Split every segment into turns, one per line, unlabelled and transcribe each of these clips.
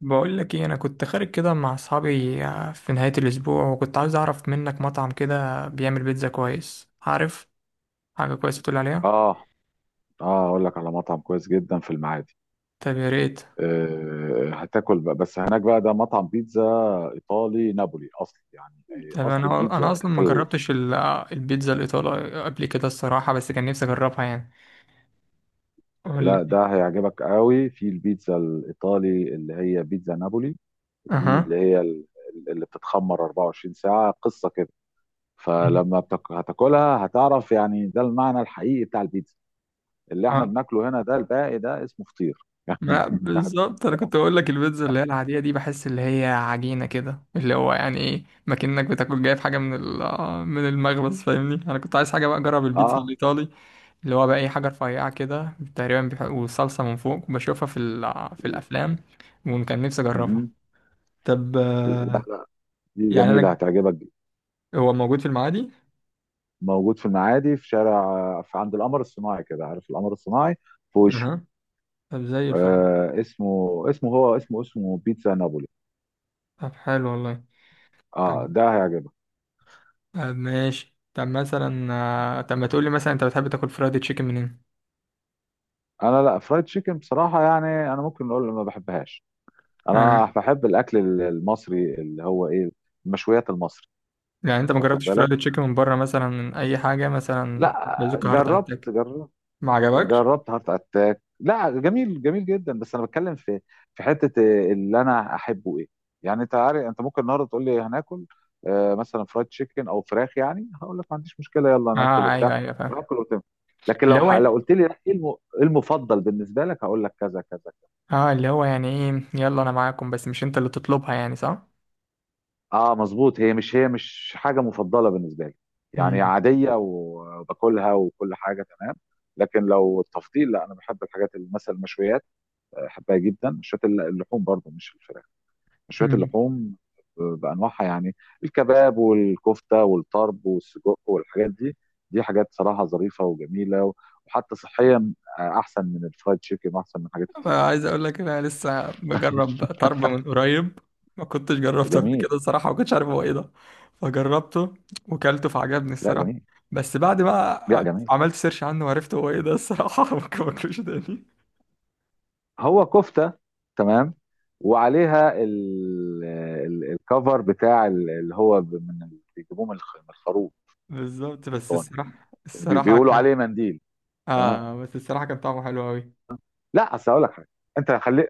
بقول لك ايه، انا كنت خارج كده مع اصحابي في نهاية الاسبوع، وكنت عاوز اعرف منك مطعم كده بيعمل بيتزا كويس. عارف حاجة كويسة تقول عليها؟
اه اه اقول لك على مطعم كويس جدا في المعادي.
طب يا ريت.
هتاكل بقى، بس هناك بقى ده مطعم بيتزا ايطالي نابولي اصل، يعني
طب
اصل
انا
البيتزا
اصلا
في
ما جربتش البيتزا الايطالية قبل كده الصراحة، بس كان نفسي اجربها يعني. قول
لا،
لي.
ده هيعجبك قوي. في البيتزا الايطالي اللي هي بيتزا نابولي دي،
اها.
اللي بتتخمر 24 ساعة قصة كده. فلما هتاكلها هتعرف يعني ده المعنى الحقيقي بتاع البيتزا. اللي احنا
آه.
بناكله هنا ده الباقي، ده اسمه فطير يعني.
لا بالظبط، انا كنت بقول لك البيتزا اللي هي العادية دي بحس اللي هي عجينة كده، اللي هو يعني ايه، ما كأنك بتاكل جايب حاجة من من المخبز، فاهمني؟ انا كنت عايز حاجة بقى اجرب البيتزا
اه
الايطالي، اللي هو بقى اي حاجه رفيعه كده تقريبا والصلصه من فوق بشوفها في الافلام، وكان نفسي اجربها.
مهم.
طب
دي
يعني
جميلة
انا،
هتعجبك جدا.
هو موجود في المعادي؟
موجود في المعادي، في شارع، في عند القمر الصناعي كده، عارف القمر الصناعي؟ في وشه.
اها. طب زي الفل.
آه اسمه اسمه هو اسمه اسمه بيتزا نابولي.
طب حلو والله.
اه
طب.
ده هيعجبك.
طب ماشي، طب مثلا طب ما تقولي مثلا، انت بتحب تاكل فرايد تشيكن منين؟
انا لا، فرايد تشيكن بصراحة يعني انا ممكن اقول ما بحبهاش.
آه.
انا بحب الاكل المصري، اللي هو ايه، المشويات المصري.
يعني انت ما
واخد
جربتش
بالك؟
فرايد تشيكن من بره، مثلا من اي حاجه، مثلا
لا
بازوكا، هارت
جربت
اتاك؟
جربت
ما عجبكش؟
جربت هارت اتاك. لا جميل، جميل جدا. بس انا بتكلم في حته اللي انا احبه ايه. يعني انت عارف انت ممكن النهارده تقول لي هناكل، مثلا فرايد تشيكن او فراخ، يعني هقول لك ما عنديش مشكله، يلا ناكل
اه،
وبتاع
ايوه ايوه، فاهم.
وناكل وتم. لكن
اللي
لو
هو
لو
يعني،
قلت لي لا، إيه المفضل بالنسبه لك، هقول لك كذا كذا.
اه اللي هو يعني ايه، يلا انا معاكم بس مش انت اللي تطلبها، يعني صح؟
اه مظبوط، هي مش حاجه مفضله بالنسبه لي. يعني
مم.
عاديه وباكلها وكل حاجه تمام. لكن لو التفضيل، لا، انا بحب الحاجات اللي مثلا المشويات، بحبها جدا. مشويات اللحوم برضو، مش الفراخ. مشويات
مم.
اللحوم بانواعها يعني، الكباب والكفته والطرب والسجق والحاجات دي. دي حاجات صراحه ظريفه وجميله، وحتى صحيا احسن من الفرايد تشيكن واحسن من حاجات كتير.
عايز اقول لك إن انا لسه بجرب طرب من قريب، ما كنتش جربته قبل
جميل.
كده الصراحه، ما كنتش عارف هو ايه ده، فجربته وكلته فعجبني
لا
الصراحه.
جميل.
بس بعد
لا
بقى
جميل.
عملت سيرش عنه وعرفت هو ايه ده الصراحه ممكن ما باكلوش تاني.
هو كفته، تمام، وعليها الكفر بتاع ال- اللي هو ب- من ال- بيجيبوه من من الخروف
بالظبط، بس
الضاني،
الصراحه
يعني
الصراحه
بيقولوا
كان.
عليه منديل. تمام.
اه بس الصراحه كان طعمه حلو قوي.
لا اصل هقول لك حاجه، انت خلي،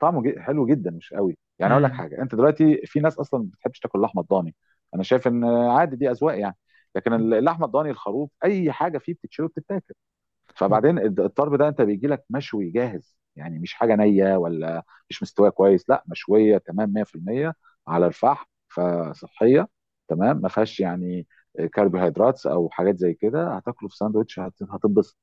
طعمه حلو جدا، مش قوي. يعني اقول لك
امم.
حاجه، انت دلوقتي في ناس اصلا ما بتحبش تاكل لحمه الضاني. انا شايف ان عادي، دي اذواق يعني. لكن اللحمه الضاني، الخروف، اي حاجه فيه بتتشوي وبتتاكل. فبعدين الطرب ده انت بيجي لك مشوي جاهز، يعني مش حاجه نيه ولا مش مستويه كويس، لا، مشويه تمام 100% على الفحم، فصحيه تمام، ما فيهاش يعني كربوهيدرات او حاجات زي كده. هتاكله في ساندوتش هتتبسط.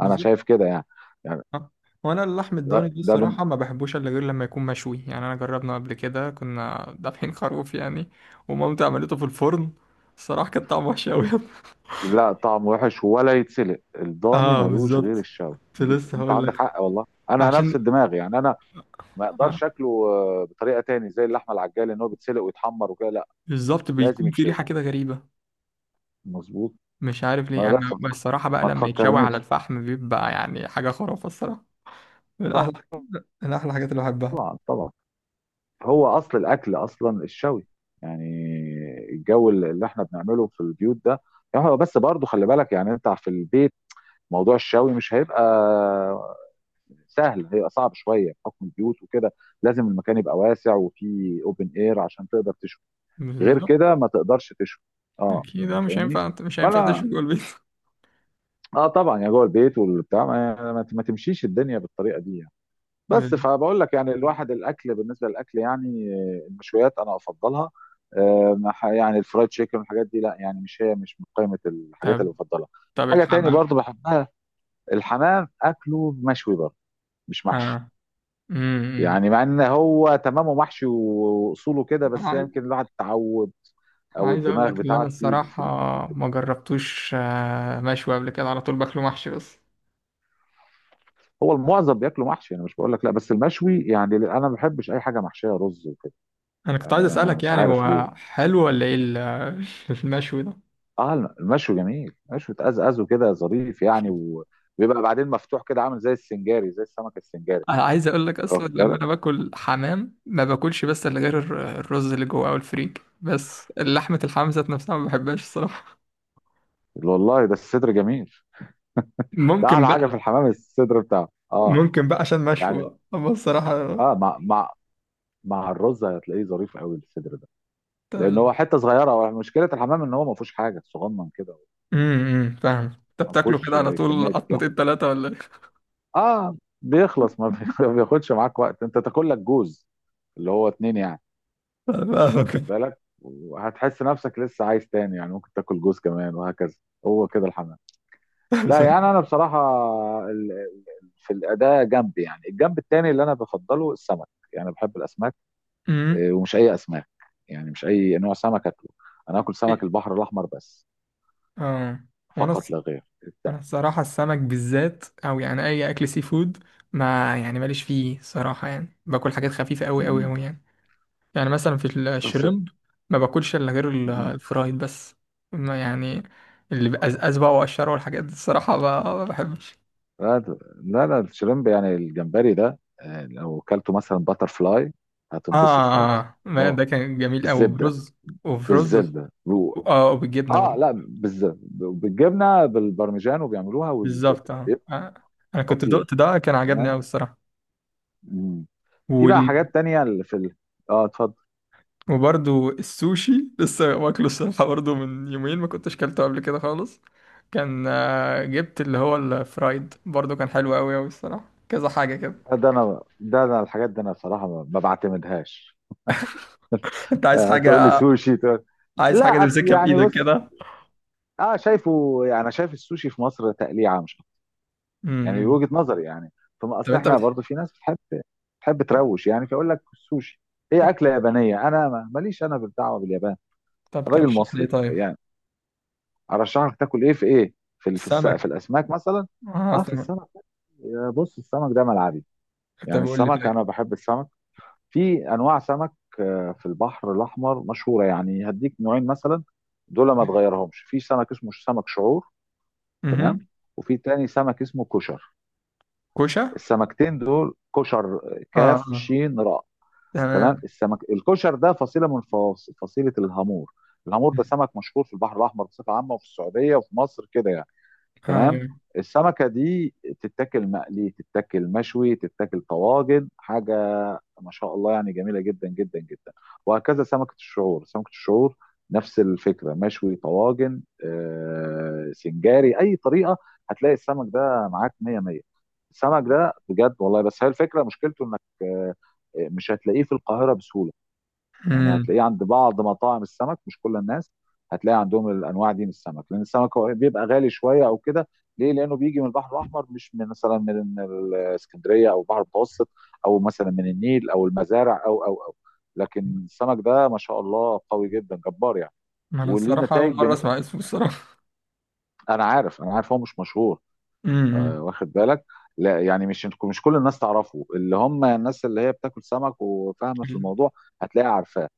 انا شايف كده يعني، يعني.
آه. وانا اللحم
ده
الضاني دي
ده بن-
الصراحه ما بحبوش الا غير لما يكون مشوي، يعني انا جربنا قبل كده، كنا دافعين خروف يعني، ومامتي عملته في الفرن الصراحه، كان طعمه وحش قوي
لا، طعم وحش ولا يتسلق، الضاني
اه
ملوش غير
بالظبط،
الشوي،
كنت لسه
انت
هقول
عندك
لك
حق والله، انا نفس
عشان
الدماغ يعني. انا ما
آه،
اقدرش اكله بطريقه تاني، زي اللحمه العجالة ان هو بيتسلق ويتحمر وكده، لا،
بالظبط
لازم
بيكون في
يتشوي.
ريحه كده غريبه،
مظبوط.
مش عارف
ما
ليه
انا
انا.
بس،
بس الصراحه بقى
ما
لما يتشوي على
تفكرنيش.
الفحم بيبقى يعني حاجه خرافه الصراحه، من احلى من احلى الحاجات اللي بحبها.
طبعا طبعا، هو اصل الاكل اصلا الشوي يعني. الجو اللي احنا بنعمله في البيوت ده، يعني هو بس برضه خلي بالك، يعني انت في البيت، موضوع الشوي مش هيبقى سهل، هي صعب شويه بحكم البيوت وكده. لازم المكان يبقى واسع وفيه اوبن اير عشان تقدر تشوي. غير
بالظبط.
كده ما تقدرش تشوي. اه
اكيد
يعني
مش
فاهمني.
هينفع مش هينفع
فانا،
تشوي جوه البيت.
اه طبعا، يا جوه البيت والبتاع ما تمشيش الدنيا بالطريقه دي يعني. بس فبقول لك يعني، الواحد الاكل بالنسبه للاكل، يعني المشويات انا افضلها. آه، ما ح- يعني الفرايد تشيكن والحاجات دي لا، يعني مش من قائمه الحاجات اللي
طب،
بفضلها.
طب
حاجه تاني
الحمام.
برضو بحبها، الحمام، اكله مشوي برضو، مش محشي.
اه. امم.
يعني مع ان هو تمامه محشي واصوله كده،
انا
بس يمكن
عايز،
الواحد تعود
أنا
او
عايز اقول
الدماغ
لك اللي انا
بتاعتي
الصراحه ما جربتوش مشوي قبل كده، على طول باكله محشي بس.
هو المعظم بياكله محشي، انا مش بقول لك لا، بس المشوي يعني انا ما بحبش اي حاجه محشيه رز وكده.
انا كنت
يعني
عايز
ما
اسالك
مش
يعني
عارف ليه.
هو حلو ولا ايه المشوي ده؟
اه المشوي جميل، مشوي تقزقزه كده ظريف يعني، وبيبقى بعدين مفتوح كده عامل زي السنجاري، زي السمك السنجاري.
انا عايز اقول لك اصلا
واخد
لما
بالك؟
انا باكل حمام ما باكلش بس الا غير الرز اللي جوه او الفريك، بس لحمه الحمام ذات نفسها ما بحبهاش الصراحه.
والله ده الصدر جميل، ده
ممكن
اعلى حاجه
بقى
في الحمام، الصدر بتاعه اه.
ممكن بقى عشان مشوي
يعني
بقى، اما الصراحه.
اه مع الرز هتلاقيه ظريف قوي الصدر ده.
طب.
لان هو حته صغيره، هو مشكله الحمام ان هو ما فيهوش حاجه صغنن كده،
امم، فاهم. انت
ما
بتاكله كده
فيهوش
على طول
كميه لحم.
قطمتين ثلاثه ولا ايه؟
اه بيخلص، ما بي- ما بياخدش معاك وقت، انت تاكل لك جوز، اللي هو اتنين يعني. واخد
فاهمك.
بالك؟ وهتحس نفسك لسه عايز تاني، يعني ممكن تاكل جوز كمان وهكذا، هو كده الحمام. لا يعني انا بصراحه، ال- في الاداء جنب، يعني الجنب التاني اللي انا بفضله السمك، يعني بحب الاسماك.
امم.
ومش اي اسماك، يعني مش اي نوع سمك اكله. انا اكل سمك البحر الاحمر بس،
اه وانا
فقط
الص-
لا غير.
انا الصراحه السمك بالذات او يعني اي اكل سي فود، ما يعني ماليش فيه صراحه، يعني باكل حاجات خفيفه قوي قوي قوي يعني. يعني مثلا في
بس
الشريمب، ما باكلش الا غير
مهم.
الفرايد بس، ما يعني اللي بقزقز بقى وقشره والحاجات دي الصراحه ما بحبش.
لا ده- لا لا، الشريمب يعني الجمبري ده، لو كلته مثلا باتر فلاي
اه،
هتنبسط
آه،
خالص،
آه.
اللي
ما
هو
ده كان جميل قوي
بالزبده.
برز، وفي رز،
بالزبده و،
اه وبالجبنه
اه
برضه.
لا، بالزبده بالجبنه بالبرمجان، وبيعملوها
بالظبط،
والزبده
اه،
بيبقى
آه. انا كنت
خطير.
دقت ده، كان عجبني
تمام.
قوي
مم. في بقى
الصراحه.
حاجات تانية اللي في اه اتفضل.
وبرضو السوشي لسه واكله الصراحة برضو من يومين، ما كنتش كلته قبل كده خالص. كان جبت اللي هو الفرايد برضو، كان حلو أوي أوي الصراحة، كذا حاجة كده.
ده ده انا ده انا الحاجات دي انا بصراحه ما بعتمدهاش.
انت عايز
تقول لي
حاجة،
سوشي تقول،
عايز حاجة
لا اصل
تمسكها
يعني
بإيدك
بص،
كده.
اه شايفه يعني انا شايف السوشي في مصر تقليعه مش، يعني
مم.
وجهة نظري يعني. ثم
طب
اصل
انت
احنا
بتحب.
برضو في ناس بتحب بتحب
طب,
تروش، يعني فيقول لك السوشي. هي
طب,
اكله يابانيه، انا ماليش انا بالدعوه باليابان،
طب
الراجل
ترشح لي
مصري
ايه طيب؟
يعني. ارشح لك تاكل ايه في ايه، في في
سمك.
الاسماك مثلا.
اه
اه في
سمك.
السمك. يا بص، السمك ده ملعبي
طب
يعني،
قول لي
السمك
طيب.
انا بحب السمك. في انواع سمك في البحر الاحمر مشهوره، يعني هديك نوعين مثلا دول ما تغيرهمش. في سمك اسمه سمك شعور، تمام،
مهم.
وفي تاني سمك اسمه كشر.
كوشة.
السمكتين دول كشر،
اه،
كاف
آه.
شين راء، تمام.
تمام.
السمك الكشر ده فصيله من فصيله الهامور، الهامور ده سمك مشهور في البحر الاحمر بصفه عامه وفي السعوديه وفي مصر كده يعني. تمام.
ايوه.
السمكه دي تتاكل مقلي، تتاكل مشوي، تتاكل طواجن، حاجه ما شاء الله يعني، جميله جدا جدا جدا. وهكذا سمكه الشعور، نفس الفكره، مشوي، طواجن، سنجاري، اي طريقه هتلاقي السمك ده معاك 100 100. السمك ده بجد والله، بس هي الفكره مشكلته انك مش هتلاقيه في القاهره بسهوله. يعني
مم.
هتلاقيه عند بعض مطاعم السمك، مش كل الناس هتلاقي عندهم الانواع دي من السمك، لان السمك هو بيبقى غالي شويه او كده. ليه؟ لانه بيجي من البحر الاحمر، مش من مثلا من الاسكندريه او البحر المتوسط، او مثلا من النيل او المزارع او لكن السمك ده ما شاء الله قوي جدا جبار يعني،
ما انا
وليه
الصراحة أول
نتائج
مرة
جميله.
أسمع اسمه الصراحة.
انا عارف هو مش مشهور،
مم.
واخد بالك؟ لا يعني مش كل الناس تعرفه، اللي هم الناس اللي هي بتاكل سمك وفاهمه في الموضوع هتلاقيها عارفاه.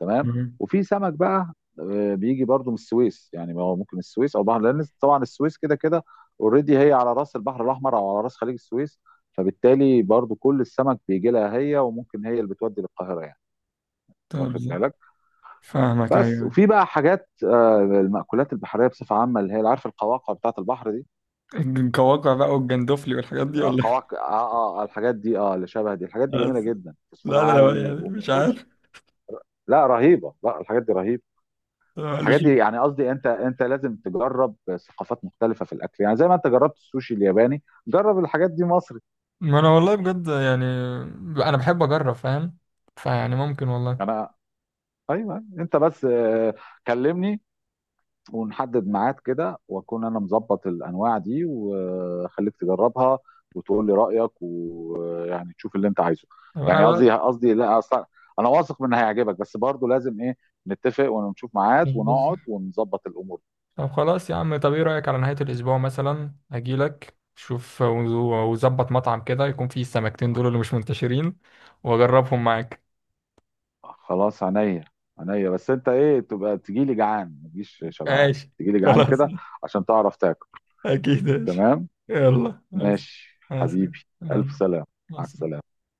تمام.
مم.
وفي سمك بقى بيجي برضو من السويس يعني، ما هو ممكن السويس او بحر، لان طبعا السويس كده كده اوريدي هي على راس البحر الاحمر او على راس خليج السويس، فبالتالي برضو كل السمك بيجي لها هي، وممكن هي اللي بتودي للقاهره يعني.
طب.
واخد بالك؟
فاهمك،
بس.
ايوه.
وفي بقى حاجات، المأكولات البحريه بصفه عامه، اللي هي اللي عارف القواقع بتاعت البحر دي.
القواقع بقى والجندفلي والحاجات دي ولا؟
القواقع الحاجات دي، اه اللي شبه دي، الحاجات دي
إيه؟
جميله
بس
جدا، فوسفور
لا لا لا،
عالي
يعني
وما
مش
اقولكش.
عارف،
لا رهيبه، لا الحاجات دي رهيبه. الحاجات
ماليش.
دي يعني، قصدي انت لازم تجرب ثقافات مختلفه في الاكل، يعني زي ما انت جربت السوشي الياباني جرب الحاجات دي مصري.
ما انا والله بجد، يعني انا بحب اجرب، فاهم؟ فيعني ممكن والله.
انا، ايوه انت بس، كلمني ونحدد ميعاد كده، واكون انا مظبط الانواع دي وخليك تجربها، وتقول لي رايك ويعني تشوف اللي انت عايزه.
طب انا
يعني
بقى
قصدي لا اصلا، انا واثق من إن هيعجبك، بس برضه لازم ايه، نتفق ونشوف ميعاد
بز-
ونقعد ونظبط الامور.
طب خلاص يا عم، طب ايه رايك على نهايه الاسبوع مثلا اجيلك، شوف وظبط مطعم كده يكون فيه السمكتين دول اللي مش منتشرين، واجربهم معاك.
خلاص عينيا، عينيا. بس انت ايه، تبقى تجيلي جعان ما تجيش شبعان،
ماشي.
تجيلي جعان
خلاص
كده عشان تعرف تاكل.
اكيد ماشي.
تمام.
يلا بس.
ماشي
بس.
حبيبي. الف
يلا.
سلام.
مع
مع
السلامة.
السلامه.